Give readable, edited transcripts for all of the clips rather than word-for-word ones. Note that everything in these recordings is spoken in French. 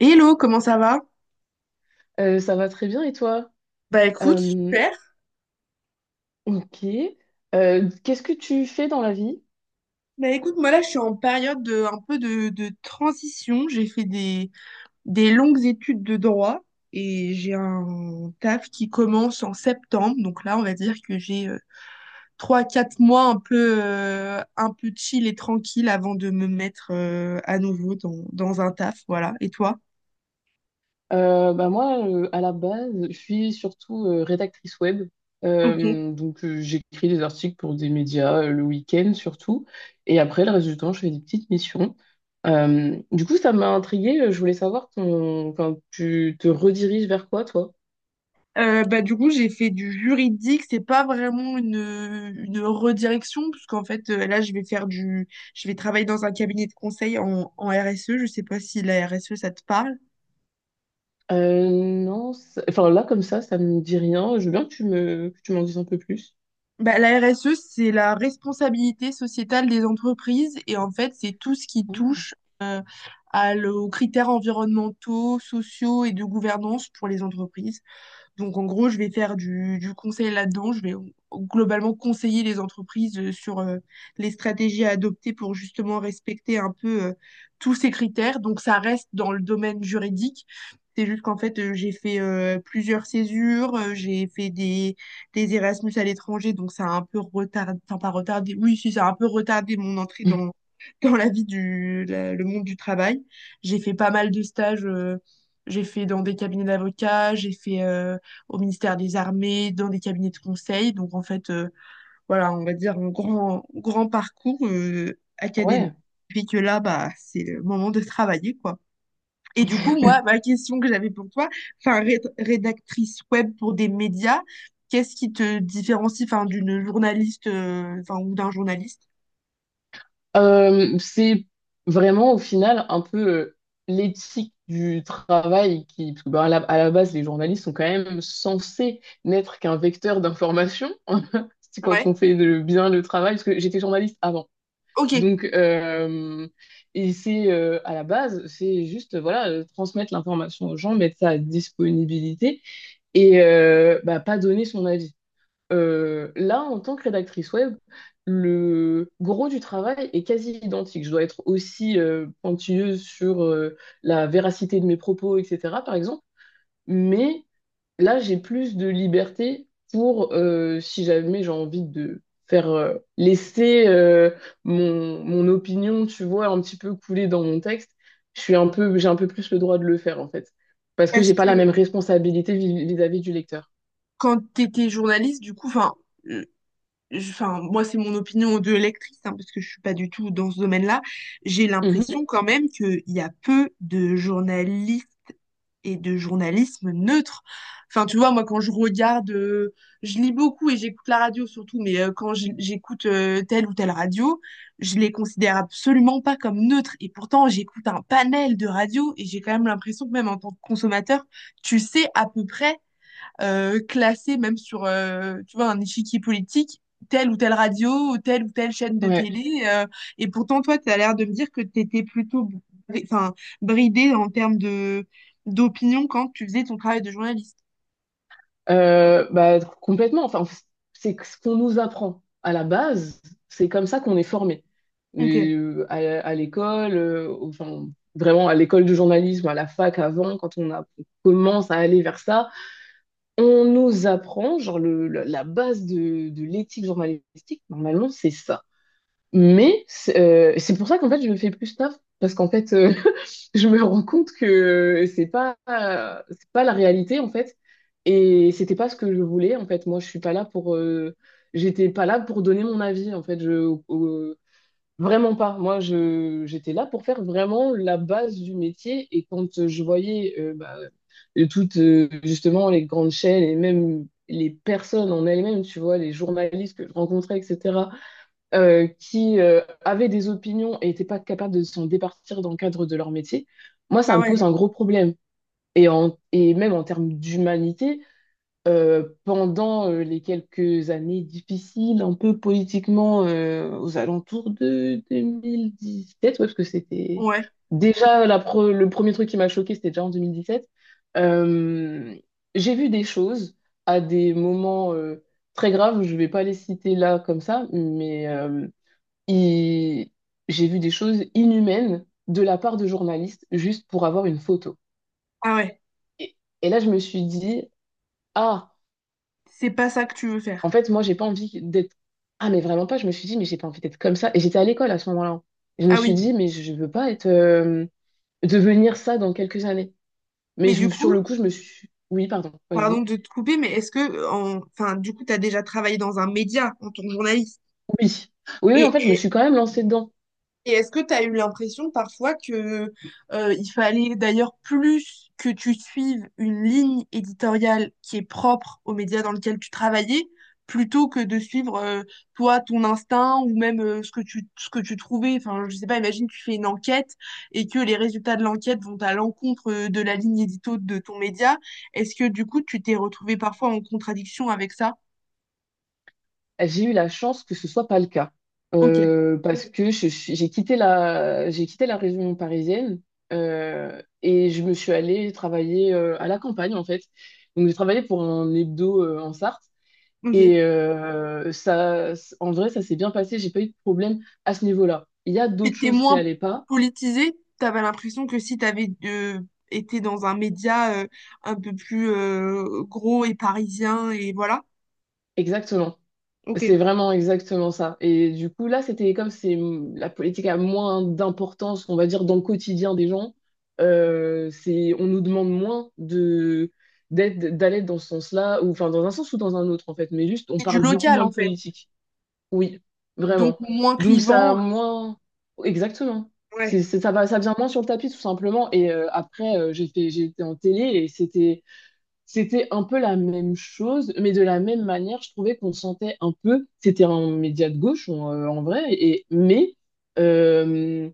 Hello, comment ça va? Ça va très bien et toi? Bah écoute, Euh, super. ok. Qu'est-ce que tu fais dans la vie? Bah écoute, moi là, je suis en période un peu de transition. J'ai fait des longues études de droit et j'ai un taf qui commence en septembre. Donc là, on va dire que j'ai trois, quatre mois un peu chill et tranquille avant de me mettre à nouveau dans un taf. Voilà. Et toi? Bah moi, à la base, je suis surtout rédactrice web. Ok. Donc j'écris des articles pour des médias le week-end surtout. Et après, le reste du temps, je fais des petites missions. Du coup, ça m'a intriguée. Je voulais savoir ton, enfin, tu te rediriges vers quoi, toi? Bah, du coup, j'ai fait du juridique. C'est pas vraiment une redirection, puisqu'en fait, là, je vais travailler dans un cabinet de conseil en RSE. Je sais pas si la RSE, ça te parle. Non, enfin là, comme ça me dit rien. Je veux bien que que tu m'en dises un peu plus. Bah, la RSE, c'est la responsabilité sociétale des entreprises. Et en fait, c'est tout ce qui Ah. touche euh, aux critères environnementaux, sociaux et de gouvernance pour les entreprises. Donc en gros, je vais faire du conseil là-dedans. Je vais globalement conseiller les entreprises sur les stratégies à adopter pour justement respecter un peu tous ces critères. Donc ça reste dans le domaine juridique. C'est juste qu'en fait, j'ai fait plusieurs césures, j'ai fait des Erasmus à l'étranger, donc ça a un peu retardé, enfin pas retardé, oui, si, ça a un peu retardé mon entrée dans la vie le monde du travail. J'ai fait pas mal de stages, j'ai fait dans des cabinets d'avocats, j'ai fait au ministère des Armées, dans des cabinets de conseil. Donc en fait, voilà, on va dire un grand, grand parcours académique. Ouais. Puis que là, bah, c'est le moment de travailler, quoi. Et du coup, moi, ma question que j'avais pour toi, enfin, rédactrice web pour des médias, qu'est-ce qui te différencie, enfin, d'une journaliste, enfin, ou d'un journaliste? C'est vraiment au final un peu l'éthique du travail qui, parce que, bah, à la base, les journalistes sont quand même censés n'être qu'un vecteur d'information. C'est quand Ouais, on fait bien le travail, parce que j'étais journaliste avant. ok. Donc, et c'est à la base, c'est juste voilà, transmettre l'information aux gens, mettre ça à disponibilité et bah, pas donner son avis. Là, en tant que rédactrice web, le gros du travail est quasi identique. Je dois être aussi pointilleuse sur la véracité de mes propos, etc., par exemple. Mais là, j'ai plus de liberté pour, si jamais j'ai envie de faire laisser mon opinion, tu vois, un petit peu couler dans mon texte, je suis j'ai un peu plus le droit de le faire, en fait. Parce que j'ai Parce pas que la même responsabilité vis-à-vis du lecteur. quand tu étais journaliste, du coup, enfin, enfin, moi, c'est mon opinion de lectrice, hein, parce que je suis pas du tout dans ce domaine-là. J'ai Mhm. l'impression quand même qu'il y a peu de journalistes et de journalisme neutre. Enfin, tu vois, moi, quand je regarde, je lis beaucoup et j'écoute la radio surtout, mais j'écoute telle ou telle radio, je les considère absolument pas comme neutres. Et pourtant, j'écoute un panel de radios et j'ai quand même l'impression que même en tant que consommateur, tu sais à peu près classer même sur, tu vois, un échiquier politique, telle ou telle radio, ou telle chaîne de Ouais. télé. Et pourtant, toi, tu as l'air de me dire que tu étais plutôt enfin, bridée en termes de d'opinion quand tu faisais ton travail de journaliste. Bah, complètement. Enfin, c'est ce qu'on nous apprend à la base. C'est comme ça qu'on est formé. Ok. Et, à l'école, enfin, vraiment à l'école de journalisme, à la fac avant, quand on commence à aller vers ça, on nous apprend, genre, la base de l'éthique journalistique, normalement, c'est ça. Mais c'est pour ça qu'en fait, je me fais plus taf, parce qu'en fait, je me rends compte que c'est pas la réalité, en fait. Et c'était pas ce que je voulais, en fait. Moi, je suis pas là pour. J'étais pas là pour donner mon avis, en fait. Euh, Vraiment pas. Moi, j'étais là pour faire vraiment la base du métier. Et quand je voyais bah, toutes, justement, les grandes chaînes et même les personnes en elles-mêmes, tu vois, les journalistes que je rencontrais, etc qui avaient des opinions et n'étaient pas capables de s'en départir dans le cadre de leur métier, moi, ça Ah me pose ouais, un gros problème. Et, et même en termes d'humanité, pendant les quelques années difficiles, un peu politiquement, aux alentours de 2017, ouais, parce que c'était ouais, déjà la le premier truc qui m'a choqué, c'était déjà en 2017, euh, j'ai vu des choses à des moments très graves, je ne vais pas les citer là comme ça, mais et j'ai vu des choses inhumaines de la part de journalistes juste pour avoir une photo. ah ouais. Et, et là, je me suis dit, ah, C'est pas ça que tu veux en faire. fait, moi, j'ai pas envie d'être. Ah, mais vraiment pas. Je me suis dit, mais j'ai pas envie d'être comme ça. Et j'étais à l'école à ce moment-là. Je me Ah suis oui. dit, mais je veux pas être, devenir ça dans quelques années. Mais Mais du sur coup, le coup, je me suis. Oui, pardon, pardon vas-y. de te couper, mais est-ce que, enfin, du coup, tu as déjà travaillé dans un média en tant que journaliste? Oui. Oui, oui, en Et fait, je me suis quand même lancée dedans. Et est-ce que tu as eu l'impression parfois que il fallait d'ailleurs plus que tu suives une ligne éditoriale qui est propre au média dans lequel tu travaillais, plutôt que de suivre toi ton instinct ou même ce que tu trouvais. Enfin, je sais pas, imagine tu fais une enquête et que les résultats de l'enquête vont à l'encontre de la ligne édito de ton média. Est-ce que du coup tu t'es retrouvé parfois en contradiction avec ça? J'ai eu la chance que ce soit pas le cas. Ok, Parce que j'ai quitté j'ai quitté la région parisienne et je me suis allée travailler à la campagne en fait. Donc j'ai travaillé pour un hebdo en Sarthe ok. et ça, en vrai, ça s'est bien passé. J'ai pas eu de problème à ce niveau-là. Il y a d'autres C'était choses qui moins allaient pas, politisé. T'avais l'impression que si t'avais été dans un média un peu plus gros et parisien, et voilà. exactement. Ok. C'est vraiment exactement ça. Et du coup, là, c'est la politique a moins d'importance, on va dire, dans le quotidien des gens. C'est, on nous demande moins de d'aller dans ce sens-là, ou enfin dans un sens ou dans un autre en fait. Mais juste, on C'est du parle beaucoup local, moins en de fait. politique. Oui, Donc, vraiment. moins Donc ça a clivant. euh, moins, exactement. ouais, Ça va, ça vient moins sur le tapis tout simplement. Et après, j'ai été en télé et c'était un peu la même chose, mais de la même manière, je trouvais qu'on sentait un peu, c'était un média de gauche en, en vrai, mais euh,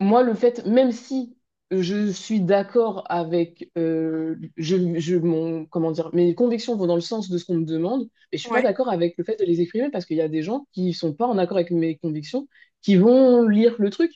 moi, le fait, même si je suis d'accord avec mon, comment dire, mes convictions vont dans le sens de ce qu'on me demande, mais je suis pas ouais. d'accord avec le fait de les exprimer parce qu'il y a des gens qui sont pas en accord avec mes convictions, qui vont lire le truc,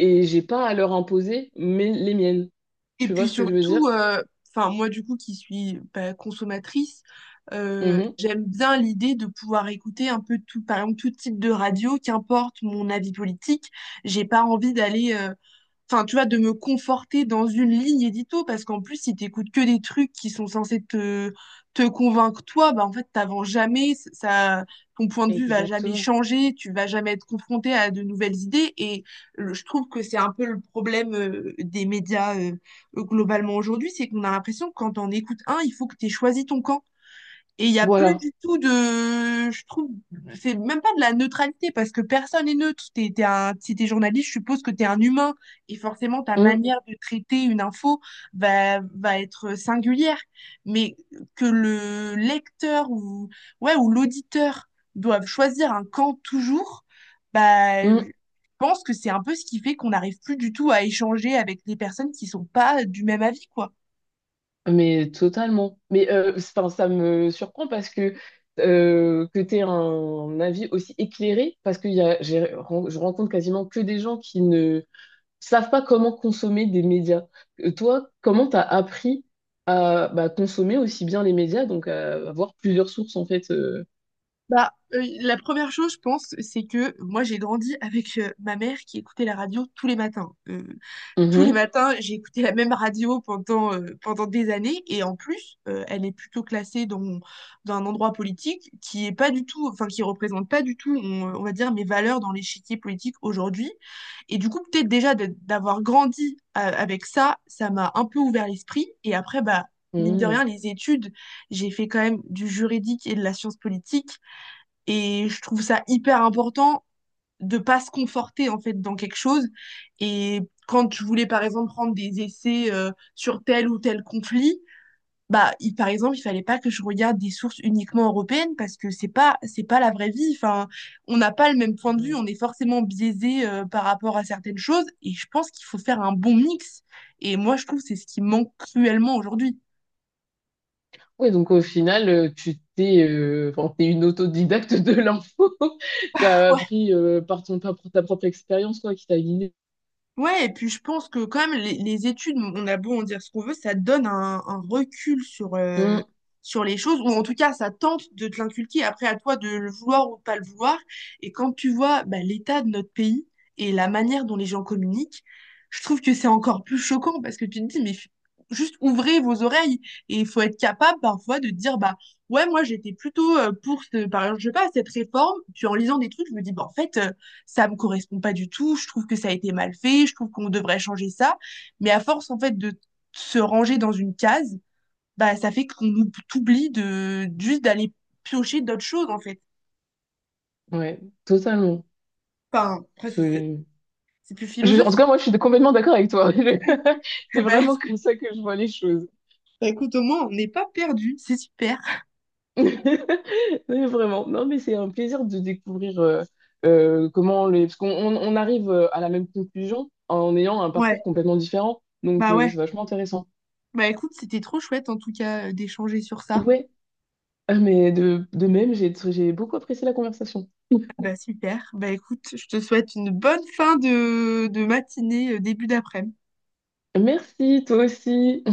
et j'ai pas à leur imposer les miennes. Et Tu vois puis ce que je veux dire? surtout, enfin, moi, du coup, qui suis bah, consommatrice, Mhm. j'aime bien l'idée de pouvoir écouter un peu tout, par exemple, tout type de radio, qu'importe mon avis politique. J'ai pas envie d'aller. Enfin, tu vois, de me conforter dans une ligne édito, parce qu'en plus, si t'écoutes que des trucs qui sont censés te convaincre toi, bah, en fait, t'avances jamais, ça, ton point de vue va jamais Exactement. changer, tu vas jamais être confronté à de nouvelles idées, et je trouve que c'est un peu le problème des médias globalement aujourd'hui, c'est qu'on a l'impression que quand on écoute un, il faut que t'aies choisi ton camp. Et il n'y a plus Voilà. du tout de, je trouve, c'est même pas de la neutralité parce que personne n'est neutre. T'es si t'es journaliste, je suppose que t'es un humain et forcément ta Hum, manière de traiter une info va être singulière. Mais que le lecteur ou, ouais, ou l'auditeur doivent choisir un camp toujours, bah, je hum. pense que c'est un peu ce qui fait qu'on n'arrive plus du tout à échanger avec des personnes qui sont pas du même avis, quoi. Mais totalement. 'Fin, ça me surprend parce que tu aies un avis aussi éclairé, parce que y a, j'ai- ren- je rencontre quasiment que des gens qui ne savent pas comment consommer des médias. Toi, comment tu as appris à bah, consommer aussi bien les médias, donc à avoir plusieurs sources en fait. Bah, la première chose, je pense, c'est que moi, j'ai grandi avec, ma mère qui écoutait la radio tous les matins. Tous les matins, j'ai écouté la même radio pendant des années et en plus, elle est plutôt classée dans dans un endroit politique qui est pas du tout enfin, qui représente pas du tout, on va dire mes valeurs dans l'échiquier politique aujourd'hui et du coup, peut-être déjà de d'avoir grandi a avec ça, ça m'a un peu ouvert l'esprit et après, bah, mine de rien, Mhm. les études, j'ai fait quand même du juridique et de la science politique et je trouve ça hyper important de pas se conforter en fait dans quelque chose. Et quand je voulais par exemple prendre des essais sur tel ou tel conflit, bah par exemple il fallait pas que je regarde des sources uniquement européennes parce que c'est pas la vraie vie. Enfin, on n'a pas le même point de vue, Mhm. on est forcément biaisé par rapport à certaines choses. Et je pense qu'il faut faire un bon mix. Et moi je trouve que c'est ce qui manque cruellement aujourd'hui. Oui, donc au final, tu t'es enfin, t'es une autodidacte de l'info. T'as appris par par ta propre expérience, quoi, qui t'a guidé. Ouais, et puis je pense que quand même les études, on a beau en dire ce qu'on veut, ça donne un recul sur, euh, Mm, sur les choses, ou en tout cas ça tente de te l'inculquer, après à toi de le vouloir ou de pas le vouloir. Et quand tu vois bah, l'état de notre pays et la manière dont les gens communiquent, je trouve que c'est encore plus choquant parce que tu te dis, mais juste ouvrez vos oreilles et il faut être capable parfois de te dire, bah ouais, moi j'étais plutôt pour, ce, par exemple, je sais pas, cette réforme, puis en lisant des trucs, je me dis, bah en fait, ça me correspond pas du tout, je trouve que ça a été mal fait, je trouve qu'on devrait changer ça. Mais à force, en fait, de se ranger dans une case, bah, ça fait qu'on t'oublie juste d'aller piocher d'autres choses, en fait. ouais, totalement. Enfin, après, c'est c'est- Je- c'est plus En tout philosophique. cas, moi, je suis complètement d'accord avec toi. Je- C'est Bah, vraiment comme ça que je vois les choses. bah, écoute, au moins, on n'est pas perdu, c'est super. Mais vraiment. Non, mais c'est un plaisir de découvrir comment les… Parce qu'on arrive à la même conclusion en ayant un Ouais, parcours complètement différent. Donc, c'est ouais. vachement intéressant. Bah écoute, c'était trop chouette, en tout cas, d'échanger sur ça. Ouais. Ah, mais de même, j'ai beaucoup apprécié la conversation. Bah super. Bah écoute, je te souhaite une bonne fin de matinée, début d'après-midi. Merci, toi aussi.